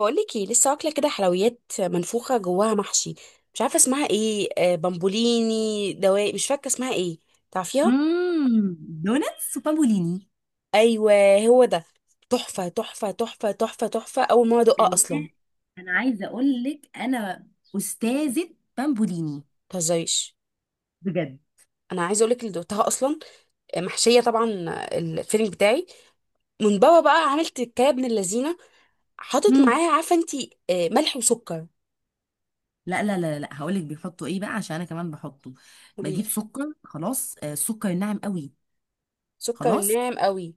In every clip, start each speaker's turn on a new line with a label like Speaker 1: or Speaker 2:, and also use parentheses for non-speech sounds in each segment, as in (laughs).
Speaker 1: بقولك ايه. لسه واكله كده حلويات منفوخه جواها محشي. مش عارفه اسمها ايه، بامبوليني دواء، مش فاكره اسمها ايه. تعرفيها؟
Speaker 2: دوناتس وبامبوليني.
Speaker 1: ايوه، هو ده. تحفه تحفه تحفه تحفه تحفه اول ما ادوقها
Speaker 2: انا
Speaker 1: اصلا.
Speaker 2: انا عايزه اقول لك انا استاذه بامبوليني
Speaker 1: متهزريش.
Speaker 2: بجد.
Speaker 1: انا عايزه اقولك اللي دقتها اصلا. محشيه طبعا. الفيلينج بتاعي من بابا بقى، عملت كيكه ابن اللذينه. حاطط
Speaker 2: امم
Speaker 1: معاها، عارفه انتي، ملح وسكر.
Speaker 2: لا لا لا لا، هقول لك بيحطوا ايه بقى عشان انا كمان بحطه.
Speaker 1: قوليلي.
Speaker 2: بجيب سكر خلاص. السكر الناعم قوي.
Speaker 1: سكر
Speaker 2: خلاص،
Speaker 1: ناعم قوي.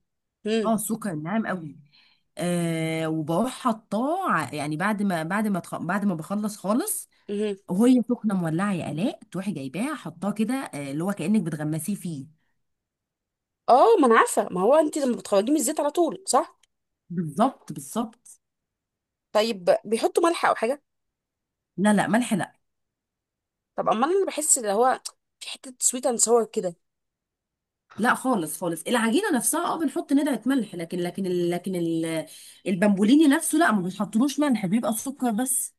Speaker 2: اه
Speaker 1: امم.
Speaker 2: السكر الناعم قوي. وبروح حطاه يعني بعد ما بخلص خالص
Speaker 1: امم.
Speaker 2: وهي سخنه مولعه يا الاء، تروحي جايباها حطاه كده، اللي هو كانك بتغمسيه فيه.
Speaker 1: اه، ما انا عارفه، ما هو انتي لما بتخرجيه من الزيت على طول، صح؟
Speaker 2: بالظبط بالظبط.
Speaker 1: طيب، بيحطوا ملح او حاجه؟
Speaker 2: لا لا، ملح لا.
Speaker 1: طب امال، انا بحس اللي هو في حته سويت اند ساور كده.
Speaker 2: لا خالص خالص، العجينه نفسها بنحط ندعه ملح، لكن البامبوليني نفسه لا، ما بيحطلوش ملح، بيبقى سكر بس.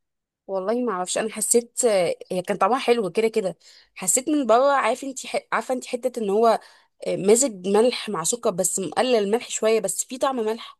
Speaker 1: والله ما اعرفش، انا حسيت، هي كان طعمها حلو كده كده. حسيت من بره، عارفه انت حته ان هو مزج ملح مع سكر، بس مقلل الملح شويه، بس في طعم ملح.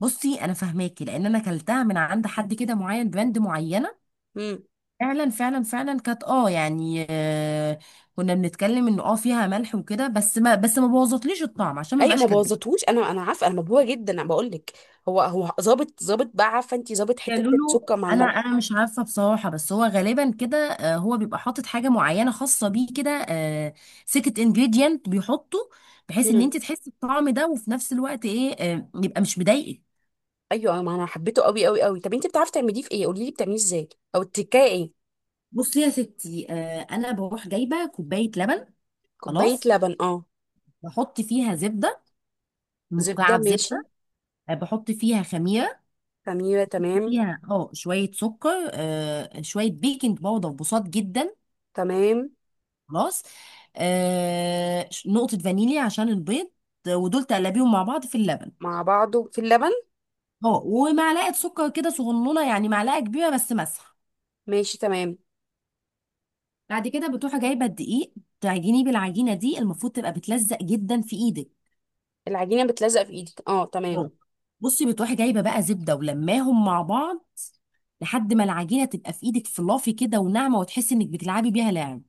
Speaker 2: بصي، انا فاهماكي لان انا كلتها من عند حد كده معين، براند معينه.
Speaker 1: امم.
Speaker 2: فعلا فعلا فعلا كانت يعني كنا بنتكلم انه فيها ملح وكده، بس ما بوظتليش الطعم عشان ما
Speaker 1: اي ما
Speaker 2: بقاش كداب.
Speaker 1: بوظتهوش، انا عارفه، انا مبهوره جدا، انا بقول لك. هو ظابط، ظابط بقى، عارفه انت، ظابط حته
Speaker 2: قالوا له،
Speaker 1: السكر مع
Speaker 2: انا
Speaker 1: الملح.
Speaker 2: انا مش عارفه بصراحه، بس هو غالبا كده، هو بيبقى حاطط حاجه معينه خاصه بيه كده، سيكت انجريدينت بيحطه بحيث ان
Speaker 1: امم.
Speaker 2: انت تحسي بالطعم ده، وفي نفس الوقت ايه، يبقى مش مضايقك.
Speaker 1: ايوه، ما انا حبيته قوي قوي قوي. طب انت بتعرفي تعمليه في ايه؟ قولي لي بتعمليه ازاي؟ او التكايه ايه؟
Speaker 2: بصي يا ستي، انا بروح جايبه كوبايه لبن.
Speaker 1: كوبايه
Speaker 2: خلاص،
Speaker 1: لبن، اه.
Speaker 2: بحط فيها زبده،
Speaker 1: زبده،
Speaker 2: مكعب
Speaker 1: ماشي.
Speaker 2: زبده. بحط فيها خميره،
Speaker 1: خميرة، تمام.
Speaker 2: فيها شويه سكر، شويه بيكنج باودر بسيط جدا.
Speaker 1: تمام.
Speaker 2: خلاص. نقطة فانيليا عشان البيض، ودول تقلبيهم مع بعض في اللبن.
Speaker 1: مع بعضه في اللبن.
Speaker 2: اه ومعلقة سكر كده صغنونة، يعني معلقة كبيرة بس مسحة.
Speaker 1: ماشي، تمام.
Speaker 2: بعد كده بتروحي جايبة الدقيق، تعجنيه بالعجينة دي، المفروض تبقى بتلزق جدا في ايدك.
Speaker 1: العجينة بتلزق في ايدك، اه، تمام.
Speaker 2: أه. بصي، بتروحي جايبة بقى زبدة ولماهم مع بعض لحد ما العجينة تبقى في ايدك فلافي كده وناعمة، وتحسي انك بتلعبي بيها لعب.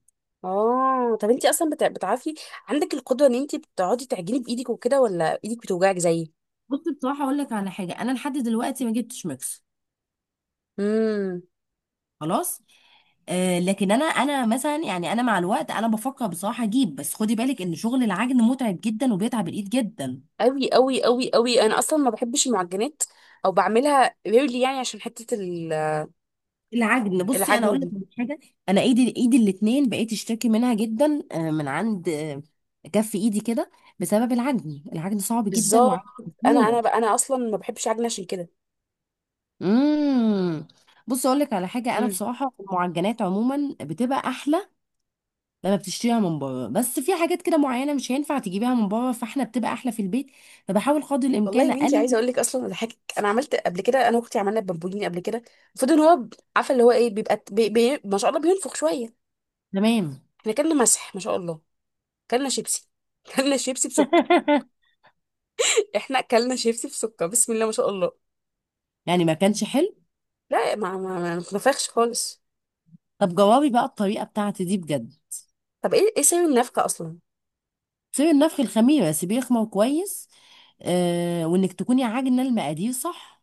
Speaker 1: اه، طب انتي اصلا بتعرفي، عندك القدرة ان انتي بتقعدي تعجني بايدك وكده، ولا ايدك بتوجعك زيي؟
Speaker 2: بصي بصراحة اقول لك على حاجة، انا لحد دلوقتي ما جبتش ميكس.
Speaker 1: امم.
Speaker 2: خلاص. لكن انا مثلا يعني انا مع الوقت انا بفكر بصراحه اجيب، بس خدي بالك ان شغل العجن متعب جدا وبيتعب الايد جدا.
Speaker 1: قوي قوي قوي قوي، انا اصلا ما بحبش المعجنات، او بعملها ريلي، يعني عشان حتة
Speaker 2: العجن، بصي انا
Speaker 1: العجن
Speaker 2: اقول لك
Speaker 1: دي.
Speaker 2: على حاجه. انا ايدي ايدي الاثنين بقيت اشتكي منها جدا، من عند كف ايدي كده بسبب العجن. العجن صعب جدا،
Speaker 1: بالظبط.
Speaker 2: وعجن
Speaker 1: انا
Speaker 2: موت.
Speaker 1: بقى، انا اصلا ما بحبش عجن عشان كده.
Speaker 2: امم بصي اقول لك على حاجه، انا بصراحه المعجنات عموما بتبقى احلى لما بتشتريها من بره، بس في حاجات كده معينه مش هينفع تجيبيها من بره، فاحنا بتبقى احلى في البيت، فبحاول قدر
Speaker 1: والله يا
Speaker 2: الامكان
Speaker 1: بنتي،
Speaker 2: اقلل.
Speaker 1: عايزه اقول لك اصلا اضحكك، انا عملت قبل كده، انا واختي عملنا بامبولين قبل كده. المفروض ان هو عارفه اللي هو ايه، بيبقى بي بي ما شاء الله بينفخ شويه.
Speaker 2: تمام.
Speaker 1: احنا كلنا مسح ما شاء الله. كلنا شيبسي. (laughs) كلنا شيبسي بسكر.
Speaker 2: (laughs)
Speaker 1: احنا كلنا شيبسي بسكر، بسم الله ما شاء الله.
Speaker 2: يعني ما كانش حلو.
Speaker 1: لا، ما نفخش خالص.
Speaker 2: طب جوابي بقى الطريقه بتاعتي دي بجد.
Speaker 1: طب ايه سبب النفخه اصلا؟
Speaker 2: سيبي النفخ، الخميره سيبيه يخمر كويس، وانك تكوني عاجنه المقادير صح.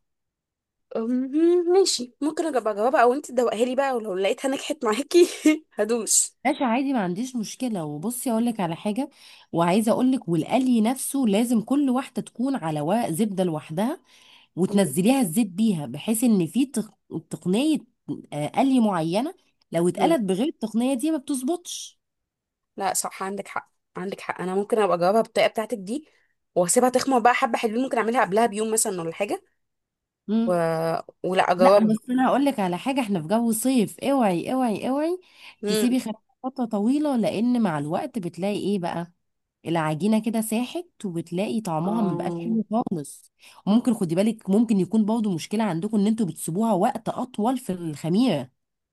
Speaker 1: أمم، ماشي. ممكن اجيب اجاوبها، او انت تدوقها لي بقى، ولو لقيتها نجحت معاكي (laughs) هدوس.
Speaker 2: ماشي عادي، ما عنديش مشكله. وبصي اقول لك على حاجه، وعايزه اقول لك، والقلي نفسه لازم كل واحده تكون على ورق زبده لوحدها، وتنزليها الزيت بيها، بحيث ان في تقنيه، قلي معينه. لو
Speaker 1: أمم.
Speaker 2: اتقلت بغير التقنيه دي ما بتظبطش.
Speaker 1: لا صح، عندك حق عندك حق، انا ممكن ابقى اجاوبها بالطريقه بتاعتك دي، واسيبها تخمر بقى حبه حلوين. ممكن اعملها قبلها بيوم مثلا ولا حاجه، و... ولا
Speaker 2: لا،
Speaker 1: اجاوبها؟
Speaker 2: بس انا هقول لك على حاجه، احنا في جو صيف، اوعي اوعي اوعي
Speaker 1: امم.
Speaker 2: تسيبي خدها فتره طويله، لان مع الوقت بتلاقي ايه بقى، العجينه كده ساحت، وبتلاقي طعمها ما بقاش
Speaker 1: اه،
Speaker 2: حلو خالص. وممكن خدي بالك، ممكن يكون برضه مشكله عندكم ان انتوا بتسيبوها وقت اطول في الخميره.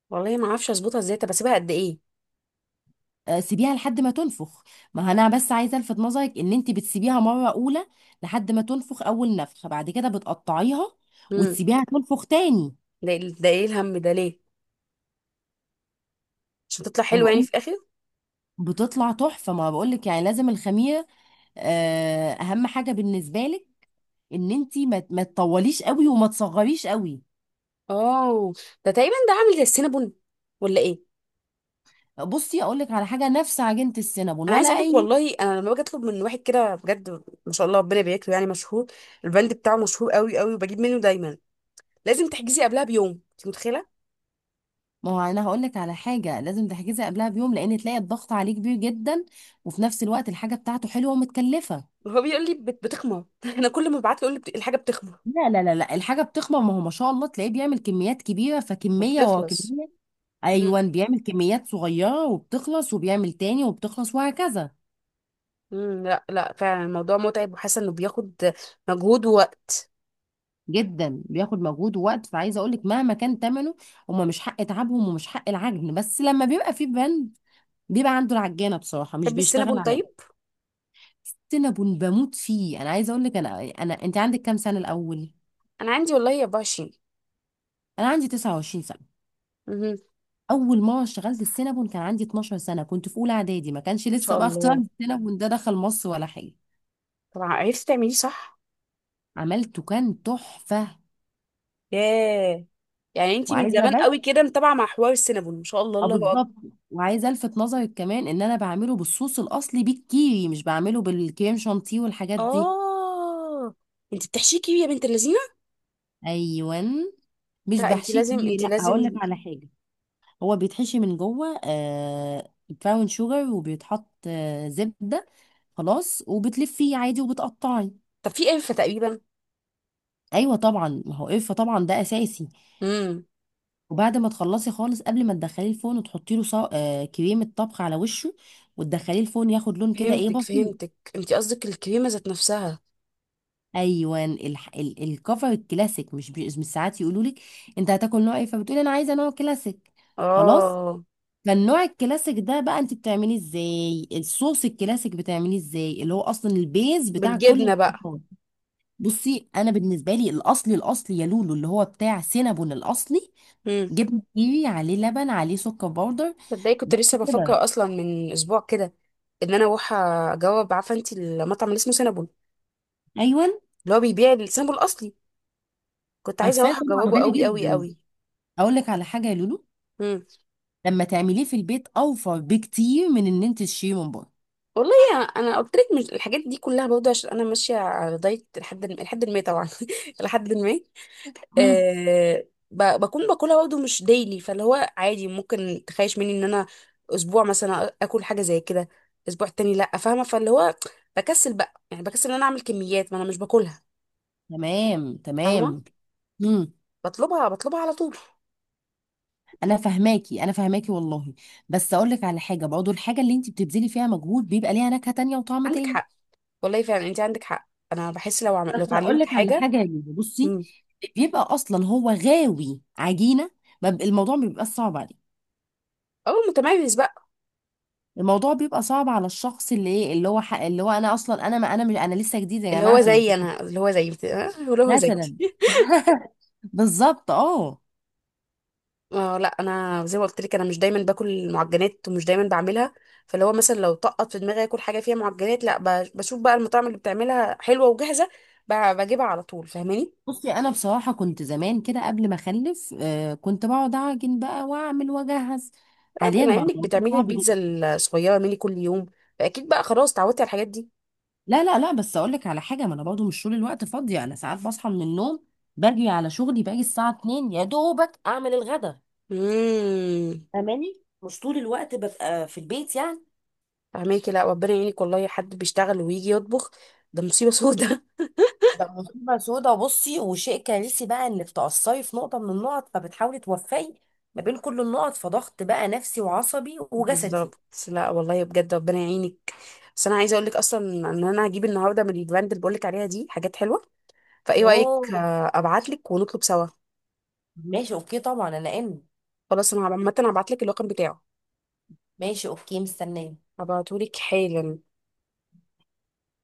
Speaker 1: والله ما اعرفش اظبطها ازاي، طب اسيبها قد ايه؟
Speaker 2: سيبيها لحد ما تنفخ. ما انا بس عايزه الفت نظرك، ان انت بتسيبيها مره اولى لحد ما تنفخ اول نفخه، بعد كده بتقطعيها
Speaker 1: امم.
Speaker 2: وتسيبيها تنفخ تاني.
Speaker 1: ده ده ايه الهم ده ليه؟ عشان تطلع حلوه يعني في الاخر؟
Speaker 2: بتطلع تحفه، ما بقولك يعني لازم الخميره. اهم حاجه بالنسبه لك ان انت ما تطوليش قوي وما تصغريش قوي.
Speaker 1: اه، ده تقريبا ده عامل زي السينابون ولا ايه؟
Speaker 2: بصي اقول لك على حاجه، نفس عجينه السينابون
Speaker 1: انا
Speaker 2: ولا
Speaker 1: عايزه اقول لك
Speaker 2: اي.
Speaker 1: والله، انا لما باجي اطلب من واحد كده بجد، ما شاء الله ربنا يبارك له، يعني مشهور. البند بتاعه مشهور قوي قوي، وبجيب منه دايما. لازم تحجزي قبلها بيوم، انت متخيله؟
Speaker 2: ما هو انا هقول لك على حاجه، لازم تحجزي قبلها بيوم، لان تلاقي الضغط عليه كبير جدا، وفي نفس الوقت الحاجه بتاعته حلوه ومتكلفه.
Speaker 1: هو بيقول لي بتخمر (laughs) انا كل ما ببعت له يقول لي الحاجه بتخمر
Speaker 2: لا لا لا لا، الحاجه بتخمر، ما هو ما شاء الله تلاقيه بيعمل كميات كبيره، فكميه ورا
Speaker 1: وبتخلص.
Speaker 2: كميه.
Speaker 1: امم.
Speaker 2: ايوه، بيعمل كميات صغيره وبتخلص، وبيعمل تاني وبتخلص، وهكذا.
Speaker 1: امم، لا لا، فعلا الموضوع متعب، وحاسه انه بياخد مجهود ووقت.
Speaker 2: جدا بياخد مجهود ووقت، فعايزه اقول لك مهما كان ثمنه، هما مش حق تعبهم ومش حق العجن، بس لما بيبقى في بند بيبقى عنده العجانه، بصراحه مش
Speaker 1: تحبي
Speaker 2: بيشتغل
Speaker 1: السينابون
Speaker 2: عليا.
Speaker 1: طيب؟
Speaker 2: سينابون بموت فيه. انا عايزه اقول لك، انا انت عندك كام سنه الاول؟
Speaker 1: انا عندي والله 24.
Speaker 2: انا عندي 29 سنه.
Speaker 1: امم. ان
Speaker 2: اول مره اشتغلت السينابون كان عندي 12 سنه، كنت في اولى اعدادي، ما كانش لسه
Speaker 1: شاء
Speaker 2: بقى اختراع
Speaker 1: الله.
Speaker 2: السينابون ده دخل مصر ولا حاجه.
Speaker 1: طبعا عرفتي تعمليه صح.
Speaker 2: عملته كان تحفه.
Speaker 1: ياه. يعني انتي من
Speaker 2: وعايزه
Speaker 1: زمان قوي كده متابعه مع حوار السينابون، ما شاء الله،
Speaker 2: اه
Speaker 1: الله اكبر.
Speaker 2: بالظبط. وعايزه الفت نظرك كمان ان انا بعمله بالصوص الاصلي، بالكيري، مش بعمله بالكريم شانتيه والحاجات دي.
Speaker 1: اه، انت بتحشيكي يا بنت اللذينه.
Speaker 2: ايوه، مش
Speaker 1: لا، انت
Speaker 2: بحشيه
Speaker 1: لازم،
Speaker 2: كيري،
Speaker 1: انت
Speaker 2: لا، هقول لك
Speaker 1: لازم.
Speaker 2: على حاجه، هو بيتحشي من جوه براون شوجر، وبيتحط زبده خلاص، وبتلفيه عادي وبتقطعي.
Speaker 1: طب في قرفه تقريبا؟
Speaker 2: ايوه طبعا، ما هو قرفه طبعا ده اساسي.
Speaker 1: امم.
Speaker 2: وبعد ما تخلصي خالص، قبل ما تدخليه الفرن، وتحطي له صو... آه كريمه طبخ على وشه، وتدخليه الفرن، ياخد لون كده ايه
Speaker 1: فهمتك
Speaker 2: بسيط.
Speaker 1: فهمتك، انت قصدك الكريمه ذات نفسها.
Speaker 2: ايوه، الكفر الكلاسيك، مش، ساعات يقولوا لك انت هتاكل نوع ايه، فبتقولي انا عايزه نوع كلاسيك. خلاص.
Speaker 1: اه،
Speaker 2: فالنوع الكلاسيك ده بقى انت بتعمليه ازاي، الصوص الكلاسيك بتعمليه ازاي، اللي هو اصلا البيز بتاع كل
Speaker 1: بالجبنه بقى.
Speaker 2: الصوصات. بصي انا بالنسبه لي الاصلي الاصلي يا لولو، اللي هو بتاع سينابون الاصلي،
Speaker 1: امم.
Speaker 2: جبنه كيري عليه لبن عليه سكر باودر،
Speaker 1: تصدقي كنت
Speaker 2: بس
Speaker 1: لسه بفكر
Speaker 2: كده.
Speaker 1: اصلا من اسبوع كده ان انا اروح اجرب، عارفه انت المطعم اللي اسمه سينابون،
Speaker 2: ايوه،
Speaker 1: اللي هو بيبيع السينابون الاصلي. كنت عايزه
Speaker 2: عارفاه
Speaker 1: اروح
Speaker 2: طبعا،
Speaker 1: اجربه
Speaker 2: غالي
Speaker 1: قوي قوي
Speaker 2: جدا.
Speaker 1: قوي.
Speaker 2: اقول لك على حاجه يا لولو،
Speaker 1: امم.
Speaker 2: لما تعمليه في البيت اوفر بكتير من ان انت تشتريه من بره.
Speaker 1: انا قلت لك، مش الحاجات دي كلها برضه، عشان انا ماشيه على دايت لحد ما طبعا. (laughs) لحد ما.
Speaker 2: مم.
Speaker 1: أه، بكون باكلها برضه مش ديلي، فاللي هو عادي ممكن تخيش مني ان انا اسبوع مثلا اكل حاجه زي كده، اسبوع تاني لا، فاهمه؟ فاللي هو بكسل بقى، يعني بكسل ان انا اعمل كميات ما انا مش باكلها،
Speaker 2: تمام
Speaker 1: فاهمه؟
Speaker 2: تمام. امم
Speaker 1: بطلبها بطلبها على طول.
Speaker 2: انا فاهماكي انا فاهماكي والله، بس اقول لك على حاجه، برضه الحاجه اللي انت بتبذلي فيها مجهود بيبقى ليها نكهه تانية وطعم
Speaker 1: عندك
Speaker 2: تاني.
Speaker 1: حق. والله فعلا انت عندك حق، انا بحس
Speaker 2: بس
Speaker 1: لو
Speaker 2: اقول
Speaker 1: اتعلمت
Speaker 2: لك على
Speaker 1: حاجه.
Speaker 2: حاجه يا لولو، بصي.
Speaker 1: امم.
Speaker 2: بيبقى اصلا هو غاوي عجينه، ما ب- الموضوع ما بيبقاش صعب عليه.
Speaker 1: اه، متميز بقى.
Speaker 2: الموضوع بيبقى صعب على الشخص اللي ايه، اللي هو انا اصلا، انا ما انا مش انا لسه جديد يا جماعه في الموضوع،
Speaker 1: اللي هو زي.
Speaker 2: مثلا. بالظبط. اه
Speaker 1: اه لا، انا زي ما قلت لك، انا مش دايما باكل معجنات، ومش دايما بعملها. فاللي هو مثلا لو طقط في دماغي اكل حاجه فيها معجنات، لا بشوف بقى المطاعم اللي بتعملها حلوه وجاهزه، بجيبها على طول، فاهماني؟
Speaker 2: بصي انا بصراحه كنت زمان كده قبل ما اخلف، كنت بقعد اعجن بقى واعمل واجهز.
Speaker 1: لا،
Speaker 2: حاليا
Speaker 1: بما
Speaker 2: بقى
Speaker 1: انك
Speaker 2: الموضوع
Speaker 1: بتعملي
Speaker 2: صعب
Speaker 1: البيتزا
Speaker 2: جدا.
Speaker 1: الصغيره مني كل يوم، فاكيد بقى خلاص اتعودتي على الحاجات دي.
Speaker 2: لا لا لا، بس اقول لك على حاجه، ما انا برضه مش طول الوقت فاضيه، انا ساعات بصحى من النوم، باجي على شغلي، باجي الساعه 2 يا دوبك اعمل الغدا.
Speaker 1: امم.
Speaker 2: فاهماني؟ مش طول الوقت ببقى في البيت يعني.
Speaker 1: فاهماكي. لا، ربنا يعينك والله، حد بيشتغل ويجي يطبخ ده مصيبه سودة.
Speaker 2: ده مصيبه سودا. بصي وشيء كارثي بقى انك تقصري في نقطه من النقط، فبتحاولي توفقي ما بين كل النقط، فضغط بقى نفسي وعصبي
Speaker 1: (laughs)
Speaker 2: وجسدي.
Speaker 1: بالظبط. لا والله بجد، ربنا يعينك. بس انا عايزه اقول لك اصلا ان انا هجيب النهارده من البراند اللي بقول لك عليها دي حاجات حلوه، فايه رايك،
Speaker 2: اوه
Speaker 1: ابعت لك ونطلب سوا؟
Speaker 2: ماشي اوكي طبعا. انا ان
Speaker 1: خلاص، انا عامه هبعت لك الرقم بتاعه.
Speaker 2: ماشي اوكي مستنيه.
Speaker 1: هبعته لك حالا.